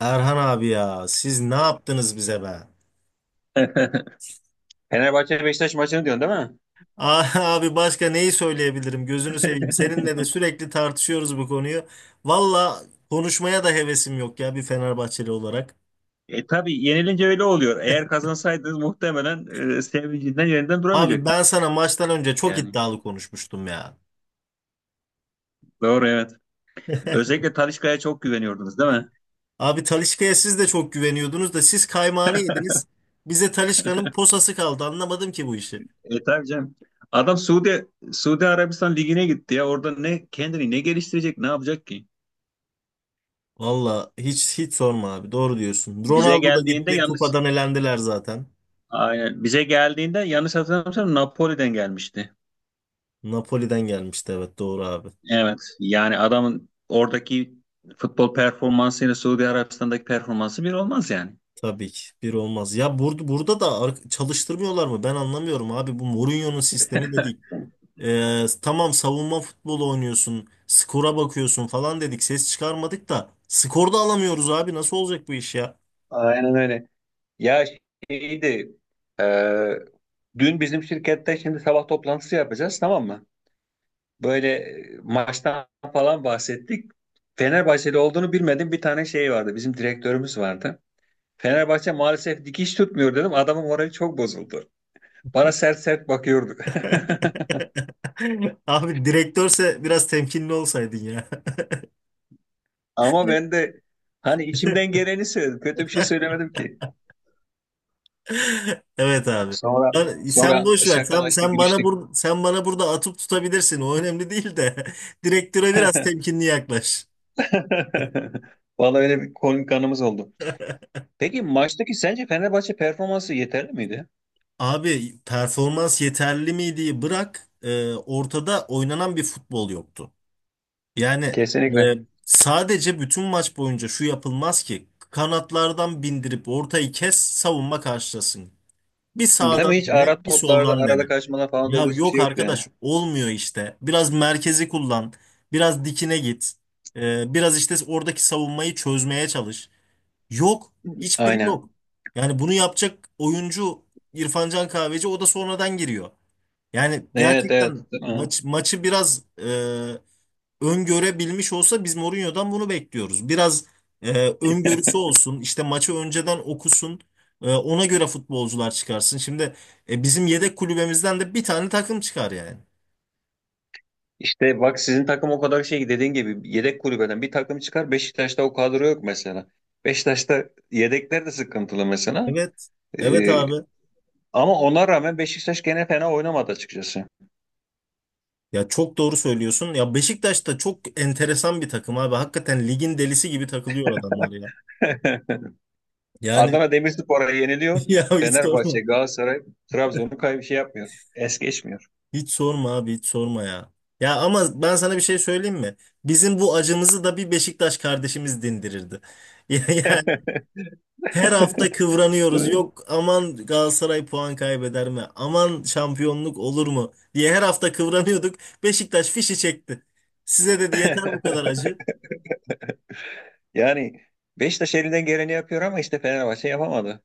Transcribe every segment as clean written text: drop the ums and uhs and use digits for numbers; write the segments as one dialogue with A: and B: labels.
A: Erhan abi ya siz ne yaptınız bize be?
B: Fenerbahçe Beşiktaş maçını diyorsun değil mi?
A: Ah, abi başka neyi söyleyebilirim gözünü seveyim. Seninle de sürekli tartışıyoruz bu konuyu. Valla konuşmaya da hevesim yok ya bir Fenerbahçeli olarak.
B: E tabii yenilince öyle oluyor. Eğer kazansaydınız muhtemelen sevincinden yerinden
A: Abi
B: duramayacaktınız
A: ben sana maçtan önce çok
B: yani.
A: iddialı konuşmuştum ya.
B: Doğru evet. Özellikle Talisca'ya çok güveniyordunuz değil mi?
A: Abi Talisca'ya siz de çok güveniyordunuz da siz kaymağını yediniz. Bize Talisca'nın posası kaldı, anlamadım ki bu işi.
B: E tabii canım. Adam Suudi Arabistan ligine gitti ya. Orada ne kendini ne geliştirecek, ne yapacak ki?
A: Valla hiç sorma abi, doğru diyorsun.
B: Bize
A: Ronaldo da
B: geldiğinde
A: gitti,
B: yanlış
A: kupadan elendiler zaten.
B: Aynen bize geldiğinde yanlış hatırlamıyorsam Napoli'den gelmişti.
A: Napoli'den gelmişti, evet doğru abi.
B: Evet. Yani adamın oradaki futbol performansıyla Suudi Arabistan'daki performansı bir olmaz yani.
A: Tabii ki bir olmaz. Ya burada da çalıştırmıyorlar mı? Ben anlamıyorum abi. Bu Mourinho'nun sistemi de değil. Tamam, savunma futbolu oynuyorsun, skora bakıyorsun falan dedik. Ses çıkarmadık da skor da alamıyoruz abi. Nasıl olacak bu iş ya?
B: Aynen öyle. Ya şeydi, e, dün bizim şirkette şimdi sabah toplantısı yapacağız tamam mı? Böyle maçtan falan bahsettik. Fenerbahçeli olduğunu bilmedim bir tane şey vardı. Bizim direktörümüz vardı. Fenerbahçe maalesef dikiş tutmuyor dedim. Adamın morali çok bozuldu. Bana sert sert bakıyordu.
A: Abi direktörse biraz temkinli olsaydın ya.
B: Ama ben de hani içimden geleni söyledim. Kötü bir şey söylemedim ki.
A: Evet abi.
B: Sonra
A: Sen
B: sonra
A: boş ver. Sen,
B: şakalaştık,
A: sen bana
B: gülüştük.
A: burada atıp tutabilirsin. O önemli değil de direktöre biraz temkinli yaklaş.
B: Vallahi öyle bir konuk anımız oldu. Peki maçtaki sence Fenerbahçe performansı yeterli miydi?
A: Abi performans yeterli miydi, bırak ortada oynanan bir futbol yoktu. Yani
B: Kesinlikle.
A: e, sadece bütün maç boyunca şu yapılmaz ki: kanatlardan bindirip ortayı kes, savunma karşılasın. Bir
B: Değil mi?
A: sağdan
B: Hiç ara
A: dene bir
B: toplarda,
A: soldan
B: arada
A: dene.
B: kaçmalar falan doğru
A: Ya
B: bir şey
A: yok
B: yoktu yani.
A: arkadaş, olmuyor işte. Biraz merkezi kullan, biraz dikine git. Biraz işte oradaki savunmayı çözmeye çalış. Yok. Hiçbiri
B: Aynen.
A: yok. Yani bunu yapacak oyuncu İrfan Can Kahveci, o da sonradan giriyor. Yani
B: Evet evet.
A: gerçekten
B: Değil mi?
A: maçı biraz öngörebilmiş olsa, biz Mourinho'dan bunu bekliyoruz. Biraz e, öngörüsü olsun, işte maçı önceden okusun, ona göre futbolcular çıkarsın. Şimdi bizim yedek kulübemizden de bir tane takım çıkar yani.
B: İşte bak sizin takım o kadar şey dediğin gibi yedek kulübeden bir takım çıkar Beşiktaş'ta o kadro yok mesela. Beşiktaş'ta yedekler de sıkıntılı mesela.
A: Evet, evet
B: Ee,
A: abi.
B: Ama ona rağmen Beşiktaş gene fena oynamadı açıkçası.
A: Ya çok doğru söylüyorsun. Ya Beşiktaş da çok enteresan bir takım abi. Hakikaten ligin delisi gibi takılıyor adamlar ya. Yani
B: Adana Demirspor'a yeniliyor.
A: ya hiç
B: Fenerbahçe,
A: sorma.
B: Galatasaray, Trabzon'u kay şey yapmıyor. Es geçmiyor.
A: Hiç sorma abi, hiç sorma ya. Ya ama ben sana bir şey söyleyeyim mi? Bizim bu acımızı da bir Beşiktaş kardeşimiz dindirirdi. Yani her hafta
B: Değil
A: kıvranıyoruz.
B: mi?
A: Yok aman, Galatasaray puan kaybeder mi? Aman şampiyonluk olur mu diye her hafta kıvranıyorduk. Beşiktaş fişi çekti. Size dedi yeter bu kadar acı.
B: Yani Beşiktaş elinden geleni yapıyor ama işte Fenerbahçe yapamadı.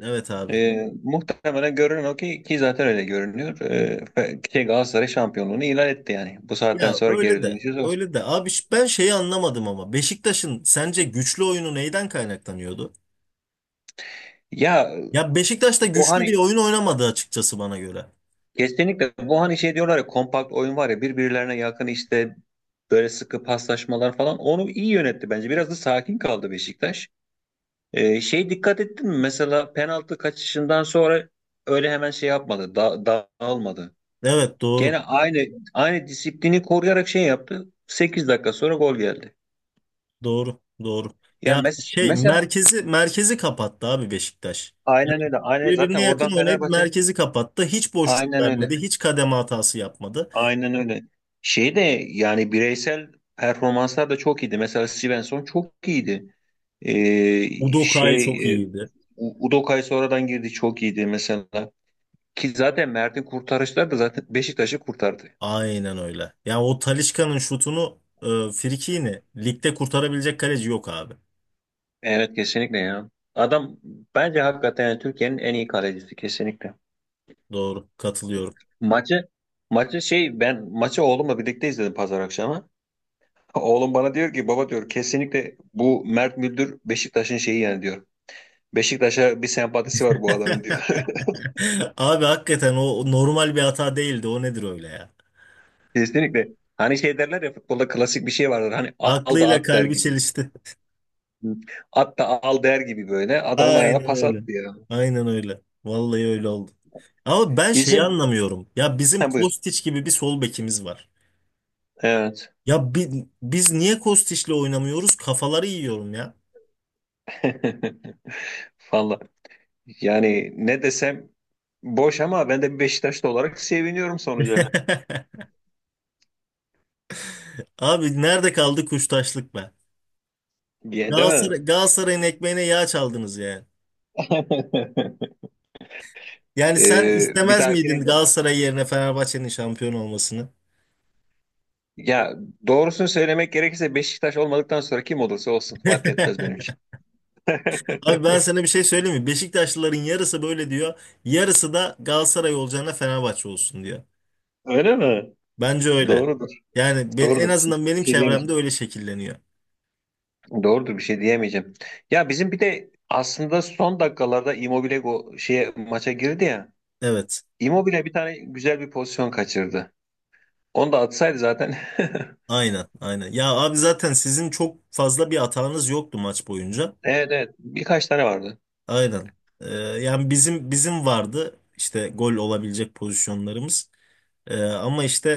A: Evet abi.
B: Muhtemelen görünen o ki ki zaten öyle görünüyor. Fe- şey Galatasaray şampiyonluğunu ilan etti yani. Bu saatten
A: Ya
B: sonra
A: öyle
B: geri
A: de
B: dönüşü zor.
A: öyle de abi, ben şeyi anlamadım ama Beşiktaş'ın sence güçlü oyunu neyden kaynaklanıyordu?
B: Ya
A: Ya Beşiktaş da
B: o
A: güçlü bir
B: hani
A: oyun oynamadı açıkçası bana göre.
B: kesinlikle bu hani şey diyorlar ya kompakt oyun var ya birbirlerine yakın işte böyle sıkı paslaşmalar falan onu iyi yönetti bence. Biraz da sakin kaldı Beşiktaş. Şey dikkat ettin mi? Mesela penaltı kaçışından sonra öyle hemen şey yapmadı. Da dağılmadı.
A: Evet doğru.
B: Gene aynı disiplini koruyarak şey yaptı. 8 dakika sonra gol geldi.
A: Doğru. Doğru.
B: Ya
A: Ya şey,
B: mesela
A: merkezi kapattı abi Beşiktaş.
B: aynen öyle. Aynen zaten
A: Birbirine yakın
B: oradan
A: oynayıp
B: Fenerbahçe
A: merkezi kapattı. Hiç boşluk
B: aynen öyle.
A: vermedi. Hiç kademe hatası yapmadı.
B: Aynen öyle. Şey de yani bireysel performanslar da çok iyiydi. Mesela Svensson çok iyiydi. Ee,
A: Udokay
B: şey
A: çok
B: e,
A: iyiydi.
B: Udokay sonradan girdi çok iyiydi mesela. Ki zaten Mert'in kurtarışları da zaten Beşiktaş'ı kurtardı.
A: Aynen öyle. Ya o Talisca'nın şutunu frikini ligde kurtarabilecek kaleci yok abi.
B: Evet kesinlikle ya. Adam bence hakikaten yani Türkiye'nin en iyi kalecisi kesinlikle.
A: Doğru. Katılıyorum.
B: Maçı maçı ben maçı oğlumla birlikte izledim pazar akşamı. Oğlum bana diyor ki baba diyor kesinlikle bu Mert Müldür Beşiktaş'ın şeyi yani diyor. Beşiktaş'a bir sempatisi var bu adamın diyor.
A: Abi hakikaten o normal bir hata değildi. O nedir öyle ya?
B: Kesinlikle. Hani şey derler ya futbolda klasik bir şey vardır. Hani al da
A: Aklıyla
B: at der
A: kalbi
B: gibi.
A: çelişti.
B: At da al der gibi böyle. Adamın ayağına
A: Aynen
B: pas
A: öyle.
B: attı ya.
A: Aynen öyle. Vallahi öyle oldu. Ama ben şeyi
B: Bizim
A: anlamıyorum. Ya bizim
B: ha, buyur.
A: Kostić gibi bir sol bekimiz var.
B: Evet.
A: Ya biz niye Kostić'le oynamıyoruz? Kafaları yiyorum ya.
B: Valla. Yani ne desem boş ama ben de bir Beşiktaşlı olarak seviniyorum sonuca.
A: Abi nerede kaldı kuştaşlık be?
B: Diye değil mi?
A: Galatasaray'ın ekmeğine yağ çaldınız yani. Yani sen
B: Bir
A: istemez miydin
B: dahakine
A: Galatasaray yerine Fenerbahçe'nin şampiyon olmasını?
B: ya doğrusunu söylemek gerekirse Beşiktaş olmadıktan sonra kim olursa olsun fark etmez benim için.
A: Abi ben sana bir şey söyleyeyim mi? Beşiktaşlıların yarısı böyle diyor. Yarısı da Galatasaray olacağına Fenerbahçe olsun diyor.
B: Öyle mi?
A: Bence öyle.
B: Doğrudur.
A: Yani ben, en
B: Doğrudur.
A: azından
B: Bir
A: benim
B: şey
A: çevremde
B: diyemeyeceğim.
A: öyle şekilleniyor.
B: Doğrudur bir şey diyemeyeceğim. Ya bizim bir de aslında son dakikalarda Immobile go şeye maça girdi ya.
A: Evet.
B: Immobile bir tane güzel bir pozisyon kaçırdı. Onu da atsaydı zaten.
A: Aynen, aynen. Ya abi zaten sizin çok fazla bir hatanız yoktu maç boyunca.
B: Evet evet. Birkaç tane vardı.
A: Aynen. Yani bizim vardı işte gol olabilecek pozisyonlarımız. Ama işte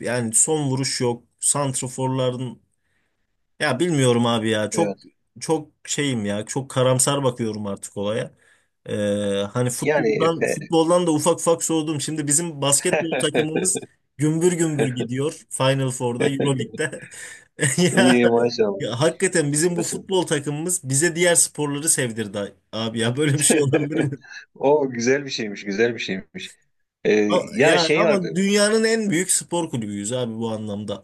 A: yani son vuruş yok. Santraforların... Ya bilmiyorum abi ya. Çok
B: Evet.
A: çok şeyim ya. Çok karamsar bakıyorum artık olaya. Ee, hani
B: Yani
A: futboldan
B: Efe.
A: futboldan da ufak ufak soğudum. Şimdi bizim basketbol takımımız gümbür gümbür gidiyor Final Four'da, EuroLeague'de. Ya,
B: İyi maşallah.
A: ya hakikaten bizim bu
B: Maşallah.
A: futbol takımımız bize diğer sporları sevdirdi abi ya. Böyle bir şey olabilir mi?
B: O güzel bir şeymiş, güzel bir şeymiş. Ee, ya
A: Ya
B: şey vardı.
A: ama dünyanın en büyük spor kulübüyüz abi bu anlamda.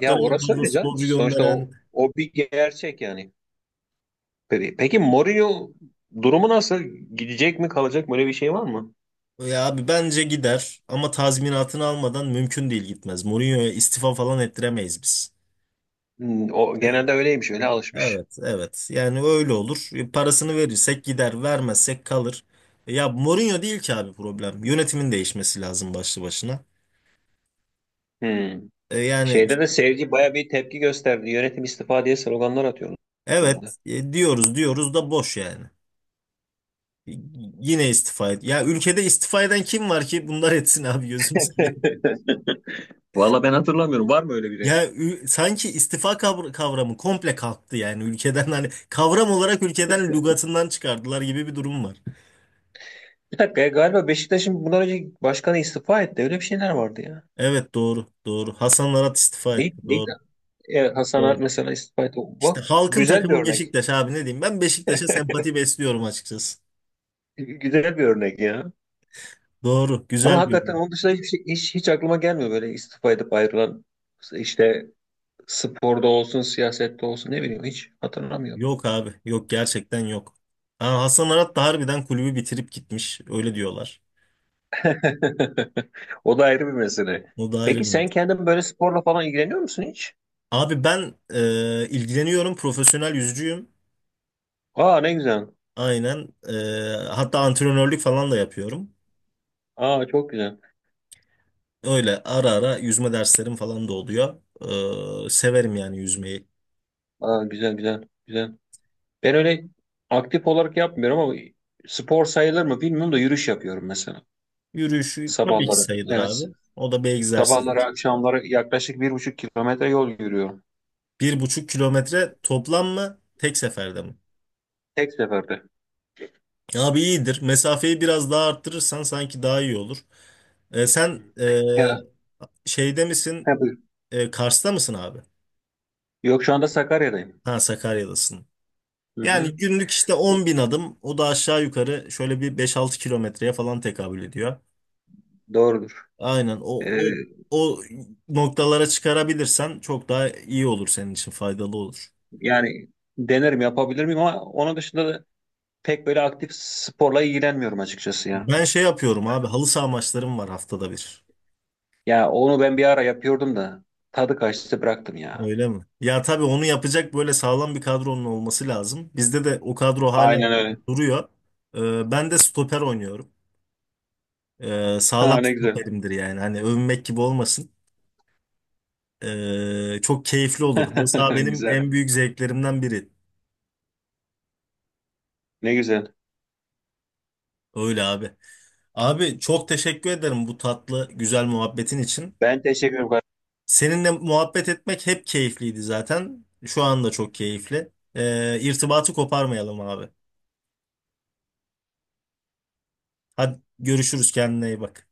B: Ya
A: en
B: orası
A: fazla
B: öyle canım.
A: sporcu
B: Sonuçta o,
A: gönderen...
B: o bir gerçek yani. Peki, peki Mourinho durumu nasıl? Gidecek mi kalacak mı? Öyle bir şey var mı?
A: Ya abi bence gider ama tazminatını almadan mümkün değil, gitmez. Mourinho'ya istifa falan ettiremeyiz biz.
B: Hmm, o
A: Ee,
B: genelde öyleymiş. Öyle alışmış.
A: evet evet, yani öyle olur. Parasını verirsek gider, vermezsek kalır. Ya Mourinho değil ki abi problem. Yönetimin değişmesi lazım başlı başına.
B: Hmm.
A: Yani
B: Şeyde
A: işte,
B: de seyirci baya bir tepki gösterdi. Yönetim istifa diye sloganlar atıyorlar orada.
A: evet diyoruz diyoruz da boş yani. Y- Yine istifa et. Ya ülkede istifa eden kim var ki bunlar etsin abi, gözümüz...
B: Valla ben hatırlamıyorum. Var mı öyle biri?
A: Ya sanki istifa kavramı komple kalktı yani ülkeden, hani kavram olarak ülkeden lügatından çıkardılar gibi bir durum var.
B: Bir dakika ya, galiba Beşiktaş'ın bundan önce başkanı istifa etti. Öyle bir şeyler vardı ya.
A: Evet doğru doğru. Hasan Arat istifa
B: Değil,
A: etti.
B: değil.
A: Doğru
B: E, Hasan
A: doğru.
B: Art mesela istifa etti.
A: İşte
B: Bak
A: halkın
B: güzel bir
A: takımı
B: örnek.
A: Beşiktaş abi, ne diyeyim? Ben Beşiktaş'a sempati besliyorum açıkçası.
B: Güzel bir örnek ya.
A: Doğru,
B: Ama
A: güzel bir
B: hakikaten
A: yorum.
B: onun dışında hiç aklıma gelmiyor böyle istifa edip ayrılan işte sporda olsun, siyasette olsun ne bileyim hiç hatırlamıyorum.
A: Yok abi yok, gerçekten yok. Ha, Hasan Arat da harbiden kulübü bitirip gitmiş öyle diyorlar.
B: O da ayrı bir mesele.
A: O da ayrı
B: Peki
A: bir
B: sen
A: mesele.
B: kendin böyle sporla falan ilgileniyor musun hiç?
A: Abi ben ilgileniyorum, profesyonel yüzücüyüm.
B: Aa ne güzel.
A: Aynen. Hatta antrenörlük falan da yapıyorum.
B: Aa çok güzel.
A: Öyle ara ara yüzme derslerim falan da oluyor. Severim yani yüzmeyi.
B: Aa güzel. Ben öyle aktif olarak yapmıyorum ama spor sayılır mı bilmiyorum da yürüyüş yapıyorum mesela.
A: Yürüyüşü tabii ki
B: Sabahları.
A: sayılır
B: Evet.
A: abi. O da bir
B: Sabahları
A: egzersizdir.
B: akşamları yaklaşık 1,5 kilometre yol yürüyorum.
A: 1,5 kilometre toplam mı? Tek seferde mi?
B: Tek seferde.
A: Abi iyidir. Mesafeyi biraz daha arttırırsan sanki daha iyi olur. Ee,
B: Hı.
A: sen
B: Ya,
A: şeyde misin? Kars'ta mısın abi?
B: Yok şu anda Sakarya'dayım.
A: Ha, Sakarya'dasın.
B: Hı
A: Yani
B: hı,
A: günlük işte 10.000 adım, o da aşağı yukarı şöyle bir 5-6 kilometreye falan tekabül ediyor.
B: doğrudur.
A: Aynen, o,
B: Ee,
A: o, o noktalara çıkarabilirsen çok daha iyi olur, senin için faydalı olur.
B: yani denerim yapabilir miyim ama onun dışında da pek böyle aktif sporla ilgilenmiyorum açıkçası ya.
A: Ben şey yapıyorum abi, halı saha maçlarım var haftada bir.
B: Ya onu ben bir ara yapıyordum da tadı kaçtı bıraktım ya.
A: Öyle mi? Ya tabii onu yapacak böyle sağlam bir kadronun olması lazım. Bizde de o kadro hala
B: Aynen öyle.
A: duruyor. Ben de stoper oynuyorum.
B: Ha,
A: Sağlam
B: ne güzel.
A: stoperimdir yani. Hani övünmek gibi olmasın. Çok keyifli olur. Halı saha benim
B: Güzel.
A: en büyük zevklerimden biri.
B: Ne güzel.
A: Öyle abi. Abi çok teşekkür ederim bu tatlı, güzel muhabbetin için.
B: Ben teşekkür ederim.
A: Seninle muhabbet etmek hep keyifliydi zaten. Şu anda çok keyifli. İrtibatı koparmayalım abi. Hadi görüşürüz, kendine iyi bak.